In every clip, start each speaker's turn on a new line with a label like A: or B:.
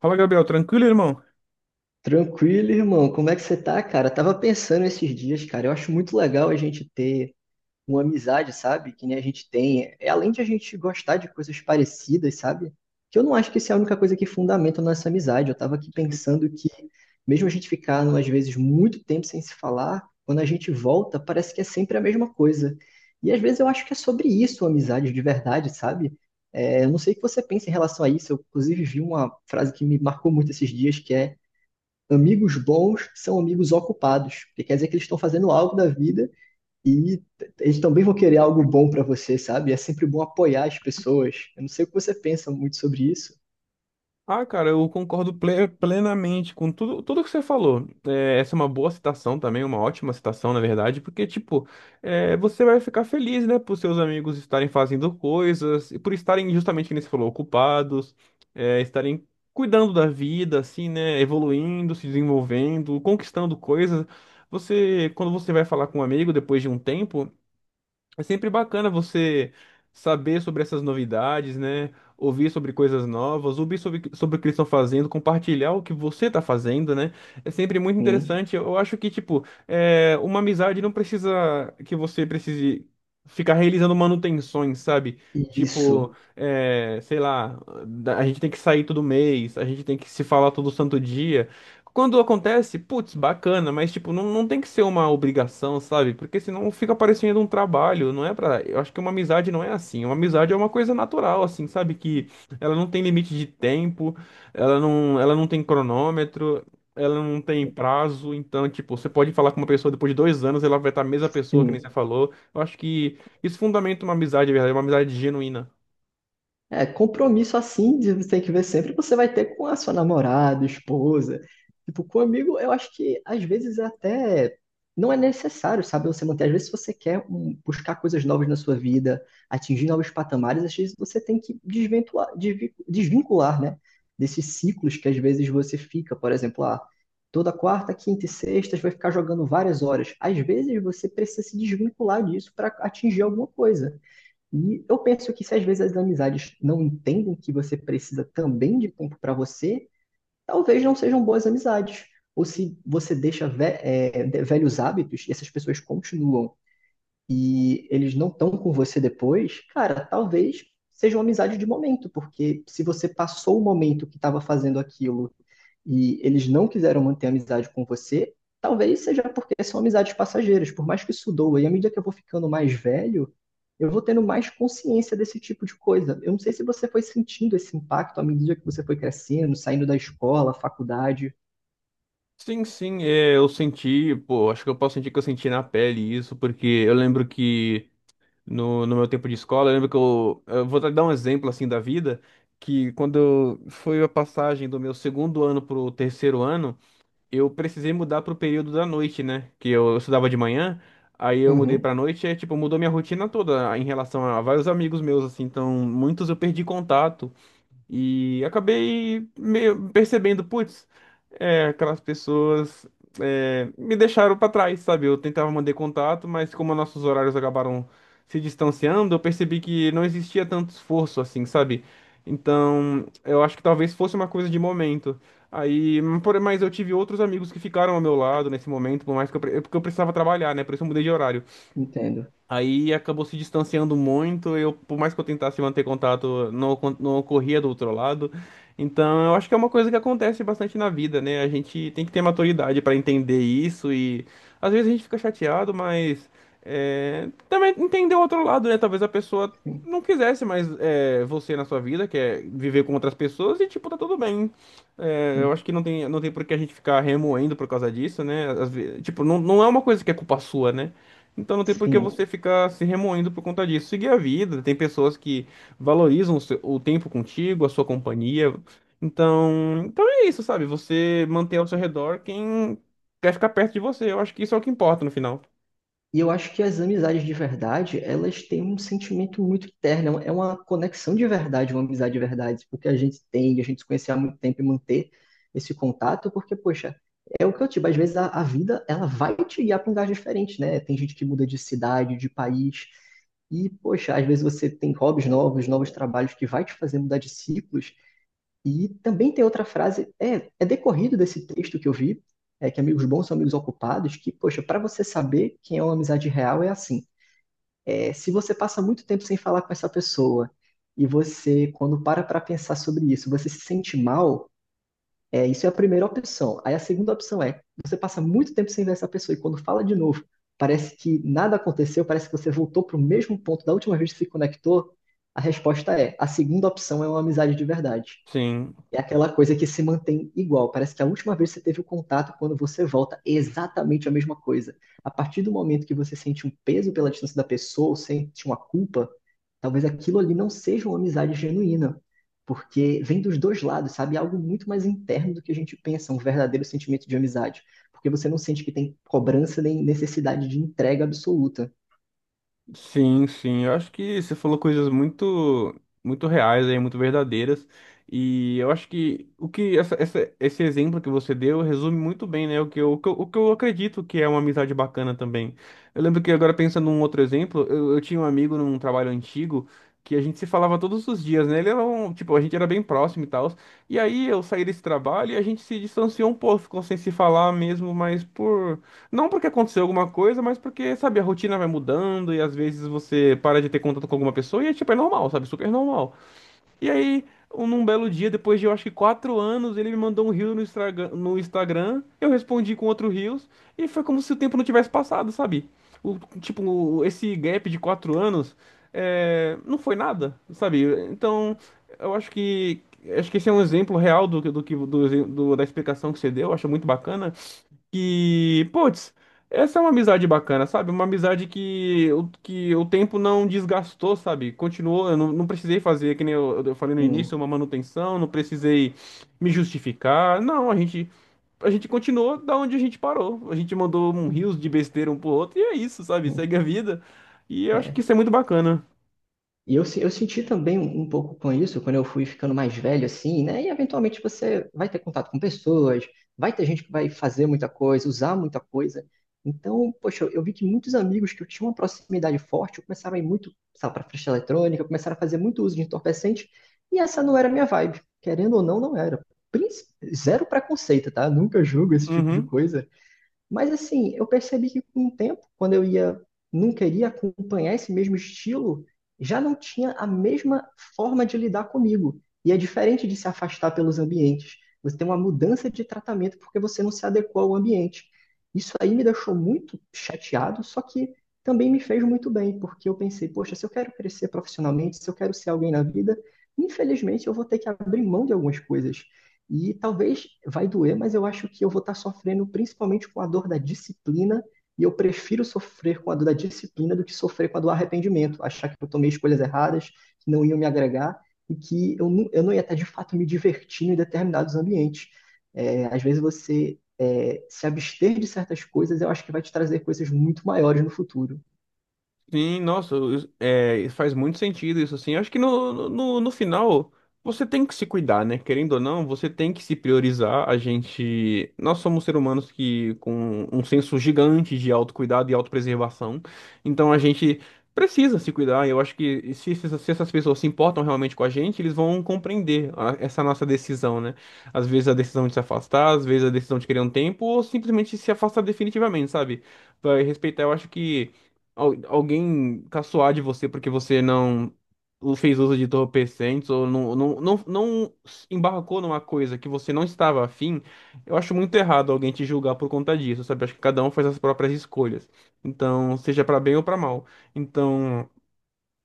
A: Fala, Gabriel, tranquilo, irmão?
B: Tranquilo, irmão. Como é que você tá, cara? Tava pensando esses dias, cara. Eu acho muito legal a gente ter uma amizade, sabe? Que nem a gente tem. É além de a gente gostar de coisas parecidas, sabe? Que eu não acho que isso é a única coisa que fundamenta a nossa amizade. Eu tava aqui pensando que, mesmo a gente ficar, às vezes, muito tempo sem se falar, quando a gente volta, parece que é sempre a mesma coisa. E às vezes eu acho que é sobre isso a amizade de verdade, sabe? Eu não sei o que você pensa em relação a isso. Eu, inclusive, vi uma frase que me marcou muito esses dias, que é amigos bons são amigos ocupados, porque quer dizer que eles estão fazendo algo da vida e eles também vão querer algo bom para você, sabe? É sempre bom apoiar as pessoas. Eu não sei o que você pensa muito sobre isso.
A: Ah, cara, eu concordo plenamente com tudo, que você falou. Essa é uma boa citação também, uma ótima citação, na verdade, porque, tipo, você vai ficar feliz, né, por seus amigos estarem fazendo coisas e por estarem, justamente, como você falou, ocupados, estarem cuidando da vida, assim, né, evoluindo, se desenvolvendo, conquistando coisas. Quando você vai falar com um amigo depois de um tempo, é sempre bacana você saber sobre essas novidades, né? Ouvir sobre coisas novas, ouvir sobre o que eles estão fazendo, compartilhar o que você está fazendo, né? É sempre muito
B: Sim.
A: interessante. Eu acho que, tipo, uma amizade não precisa que você precise ficar realizando manutenções, sabe? Tipo,
B: Isso.
A: é, sei lá, a gente tem que sair todo mês, a gente tem que se falar todo santo dia. Quando acontece, putz, bacana, mas tipo, não tem que ser uma obrigação, sabe? Porque senão fica parecendo um trabalho, não é pra. Eu acho que uma amizade não é assim. Uma amizade é uma coisa natural, assim, sabe? Que ela não tem limite de tempo, ela não tem cronômetro, ela não tem prazo. Então, tipo, você pode falar com uma pessoa depois de dois anos, ela vai estar a mesma pessoa que nem você
B: Sim.
A: falou. Eu acho que isso fundamenta uma amizade, de verdade, uma amizade genuína.
B: É, compromisso assim, de- você tem que ver sempre, você vai ter com a sua namorada, esposa. Tipo, com amigo, eu acho que às vezes é até não é necessário, sabe? Você manter. Às vezes, se você quer um, buscar coisas novas na sua vida, atingir novos patamares, às vezes você tem que desventuar, desvincular, né? Desses ciclos que às vezes você fica, por exemplo, ah, toda quarta, quinta e sexta você vai ficar jogando várias horas. Às vezes você precisa se desvincular disso para atingir alguma coisa. E eu penso que se às vezes as amizades não entendem que você precisa também de tempo para você, talvez não sejam boas amizades. Ou se você deixa velhos hábitos e essas pessoas continuam e eles não estão com você depois, cara, talvez seja uma amizade de momento, porque se você passou o momento que estava fazendo aquilo e eles não quiseram manter a amizade com você, talvez seja porque são amizades passageiras, por mais que isso doa. E à medida que eu vou ficando mais velho, eu vou tendo mais consciência desse tipo de coisa. Eu não sei se você foi sentindo esse impacto à medida que você foi crescendo, saindo da escola, faculdade.
A: Sim, sim, é, eu senti, pô, acho que eu posso sentir que eu senti na pele isso, porque eu lembro que no meu tempo de escola. Eu lembro que eu vou dar um exemplo assim da vida, que foi a passagem do meu segundo ano pro terceiro ano, eu precisei mudar pro período da noite, né? Que eu estudava de manhã, aí eu mudei
B: Uhum,
A: pra noite, e tipo, mudou minha rotina toda em relação a vários amigos meus, assim, então muitos eu perdi contato. E acabei meio percebendo, putz, aquelas pessoas me deixaram pra trás, sabe? Eu tentava manter contato, mas como nossos horários acabaram se distanciando, eu percebi que não existia tanto esforço assim, sabe? Então, eu acho que talvez fosse uma coisa de momento. Mas eu tive outros amigos que ficaram ao meu lado nesse momento, por mais que é porque eu precisava trabalhar, né? Por isso eu mudei de horário.
B: entendo.
A: Aí acabou se distanciando muito. Eu, por mais que eu tentasse manter contato, não ocorria do outro lado. Então, eu acho que é uma coisa que acontece bastante na vida, né? A gente tem que ter maturidade para entender isso e às vezes a gente fica chateado, mas também entender o outro lado, né? Talvez a pessoa
B: Sim,
A: não quisesse mais você na sua vida, quer viver com outras pessoas e tipo tá tudo bem. É, eu
B: sim.
A: acho que não tem por que a gente ficar remoendo por causa disso, né? Às ve- tipo, não, Não é uma coisa que é culpa sua, né? Então não tem por que
B: Sim.
A: você ficar se remoendo por conta disso. Seguir a vida. Tem pessoas que valorizam o tempo contigo, a sua companhia. Então, é isso, sabe? Você manter ao seu redor quem quer ficar perto de você. Eu acho que isso é o que importa no final.
B: E eu acho que as amizades de verdade, elas têm um sentimento muito terno, é uma conexão de verdade, uma amizade de verdade, porque a gente tem, a gente se conhece há muito tempo e manter esse contato, porque, poxa, é o que eu digo, às vezes a vida, ela vai te guiar para um lugar diferente, né? Tem gente que muda de cidade, de país, e, poxa, às vezes você tem hobbies novos, novos trabalhos que vai te fazer mudar de ciclos, e também tem outra frase, é decorrido desse texto que eu vi, é que amigos bons são amigos ocupados, que, poxa, para você saber quem é uma amizade real é assim. Se você passa muito tempo sem falar com essa pessoa e você, quando para pensar sobre isso, você se sente mal, isso é a primeira opção. Aí a segunda opção é, você passa muito tempo sem ver essa pessoa e quando fala de novo, parece que nada aconteceu, parece que você voltou para o mesmo ponto da última vez que se conectou, a resposta é, a segunda opção é uma amizade de verdade.
A: Sim.
B: É aquela coisa que se mantém igual. Parece que a última vez que você teve o contato, quando você volta, é exatamente a mesma coisa. A partir do momento que você sente um peso pela distância da pessoa, ou sente uma culpa, talvez aquilo ali não seja uma amizade genuína. Porque vem dos dois lados, sabe? É algo muito mais interno do que a gente pensa, um verdadeiro sentimento de amizade. Porque você não sente que tem cobrança nem necessidade de entrega absoluta.
A: Sim, sim. Eu acho que você falou coisas muito reais aí, muito verdadeiras. E eu acho que o que essa- esse exemplo que você deu resume muito bem, né? O que eu acredito que é uma amizade bacana também. Eu lembro que agora pensando num outro exemplo, eu tinha um amigo num trabalho antigo que a gente se falava todos os dias, né? Ele era um, tipo, a gente era bem próximo e tal. E aí eu saí desse trabalho e a gente se distanciou um pouco, ficou sem se falar mesmo, mas por não porque aconteceu alguma coisa, mas porque, sabe, a rotina vai mudando e às vezes você para de ter contato com alguma pessoa e, é tipo, é normal, sabe? Super normal. E aí, num belo dia, depois de, eu acho que quatro anos, ele me mandou um reel no Instagram, no Instagram, eu respondi com outro reels e foi como se o tempo não tivesse passado, sabe? O, tipo, esse gap de quatro anos não foi nada, sabe? Então, eu acho que, acho que esse é um exemplo real do, que- do, que- do, do- da explicação que você deu, eu acho muito bacana que, putz, essa é uma amizade bacana, sabe? Uma amizade que, o tempo não desgastou, sabe? Continuou, eu não, não precisei fazer, que nem eu, eu falei no início,
B: Sim.
A: uma manutenção, não precisei me justificar. Não, a gente continuou da onde a gente parou. A gente mandou um rios de besteira um pro outro e é isso, sabe? Segue a vida. E eu acho que
B: É.
A: isso é muito bacana.
B: E eu, eu senti também um pouco com isso, quando eu fui ficando mais velho, assim, né? E eventualmente você vai ter contato com pessoas, vai ter gente que vai fazer muita coisa, usar muita coisa. Então, poxa, eu vi que muitos amigos que eu tinha uma proximidade forte começaram a ir muito, sabe, para festa eletrônica, começaram a fazer muito uso de entorpecente, e essa não era a minha vibe. Querendo ou não, não era. Princ- Zero preconceito, tá? Nunca julgo esse tipo de
A: Uhum.
B: coisa. Mas assim, eu percebi que com o tempo, quando eu ia, não queria acompanhar esse mesmo estilo, já não tinha a mesma forma de lidar comigo. E é diferente de se afastar pelos ambientes. Você tem uma mudança de tratamento porque você não se adequou ao ambiente. Isso aí me deixou muito chateado, só que também me fez muito bem, porque eu pensei, poxa, se eu quero crescer profissionalmente, se eu quero ser alguém na vida, infelizmente eu vou ter que abrir mão de algumas coisas. E talvez vai doer, mas eu acho que eu vou estar sofrendo principalmente com a dor da disciplina, e eu prefiro sofrer com a dor da disciplina do que sofrer com a do arrependimento, achar que eu tomei escolhas erradas, que não iam me agregar, e que eu não ia estar de fato me divertindo em determinados ambientes. Às vezes se abster de certas coisas, eu acho que vai te trazer coisas muito maiores no futuro.
A: Sim, nossa, isso- é, faz muito sentido isso, assim. Acho que no final você tem que se cuidar, né? Querendo ou não, você tem que se priorizar. A gente. Nós somos seres humanos que com um senso gigante de autocuidado e autopreservação. Então a gente precisa se cuidar. Eu acho que se essas pessoas se importam realmente com a gente, eles vão compreender essa nossa decisão, né? Às vezes a decisão de se afastar, às vezes a decisão de querer um tempo, ou simplesmente se afastar definitivamente, sabe? Vai respeitar, eu acho que alguém caçoar de você porque você não fez uso de entorpecentes ou não embarcou numa coisa que você não estava afim, eu acho muito errado alguém te julgar por conta disso, sabe? Acho que cada um faz as próprias escolhas. Então, seja para bem ou para mal. Então.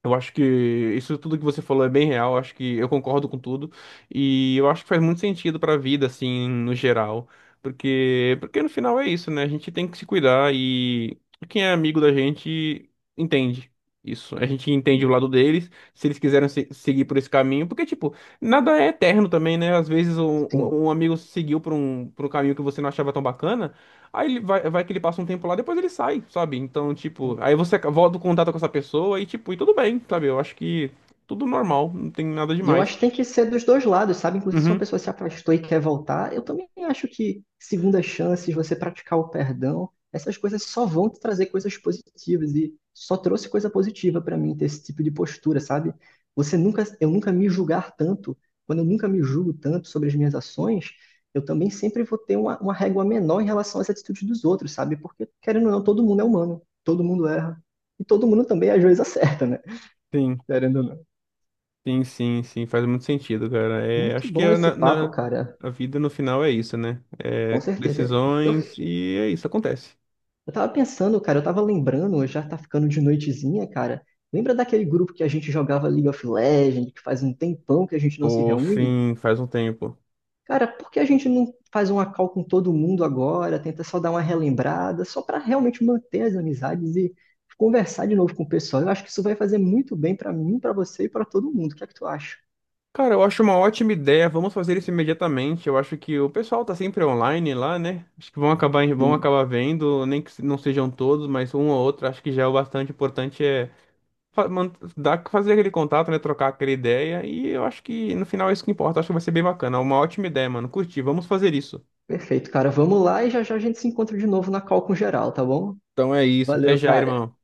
A: Eu acho que isso tudo que você falou é bem real, eu acho que eu concordo com tudo e eu acho que faz muito sentido pra vida assim, no geral, porque no final é isso, né? A gente tem que se cuidar e quem é amigo da gente entende isso. A gente entende o lado deles, se eles quiserem seguir por esse caminho, porque tipo, nada é eterno também, né? Às vezes
B: Sim.
A: um amigo seguiu por um caminho que você não achava tão bacana. Aí ele vai, vai que ele passa um tempo lá, depois ele sai, sabe? Então, tipo, aí você volta o contato com essa pessoa e, tipo, e tudo bem, sabe? Eu acho que tudo normal, não tem nada
B: E eu acho
A: demais.
B: que tem que ser dos dois lados, sabe? Inclusive, se uma
A: Uhum,
B: pessoa se afastou e quer voltar, eu também acho que segunda chances, você praticar o perdão, essas coisas só vão te trazer coisas positivas e só trouxe coisa positiva pra mim ter esse tipo de postura, sabe? Você nunca, eu nunca me julgar tanto, quando eu nunca me julgo tanto sobre as minhas ações, eu também sempre vou ter uma régua menor em relação às atitudes dos outros, sabe? Porque, querendo ou não, todo mundo é humano, todo mundo erra. E todo mundo também às vezes acerta, né?
A: sim,
B: Querendo ou não.
A: sim, faz muito sentido, cara. É,
B: Muito
A: acho que
B: bom esse papo, cara.
A: a vida no final é isso, né?
B: Com
A: É
B: certeza.
A: decisões e é isso, acontece.
B: Eu tava pensando, cara, eu tava lembrando, já tá ficando de noitezinha, cara. Lembra daquele grupo que a gente jogava League of Legends, que faz um tempão que a gente não se
A: Pô,
B: reúne?
A: sim, faz um tempo.
B: Cara, por que a gente não faz uma call com todo mundo agora? Tenta só dar uma relembrada, só pra realmente manter as amizades e conversar de novo com o pessoal. Eu acho que isso vai fazer muito bem pra mim, pra você e pra todo mundo. O que é que tu acha?
A: Cara, eu acho uma ótima ideia. Vamos fazer isso imediatamente. Eu acho que o pessoal tá sempre online lá, né? Acho que vão
B: Sim.
A: acabar vendo, nem que não sejam todos, mas um ou outro. Acho que já é o bastante. Importante é fazer aquele contato, né? Trocar aquela ideia. E eu acho que no final é isso que importa. Acho que vai ser bem bacana. Uma ótima ideia, mano. Curti. Vamos fazer isso.
B: Perfeito, cara. Vamos lá e já já a gente se encontra de novo na call com geral, tá bom?
A: Então é isso. Até
B: Valeu,
A: já,
B: cara.
A: irmão.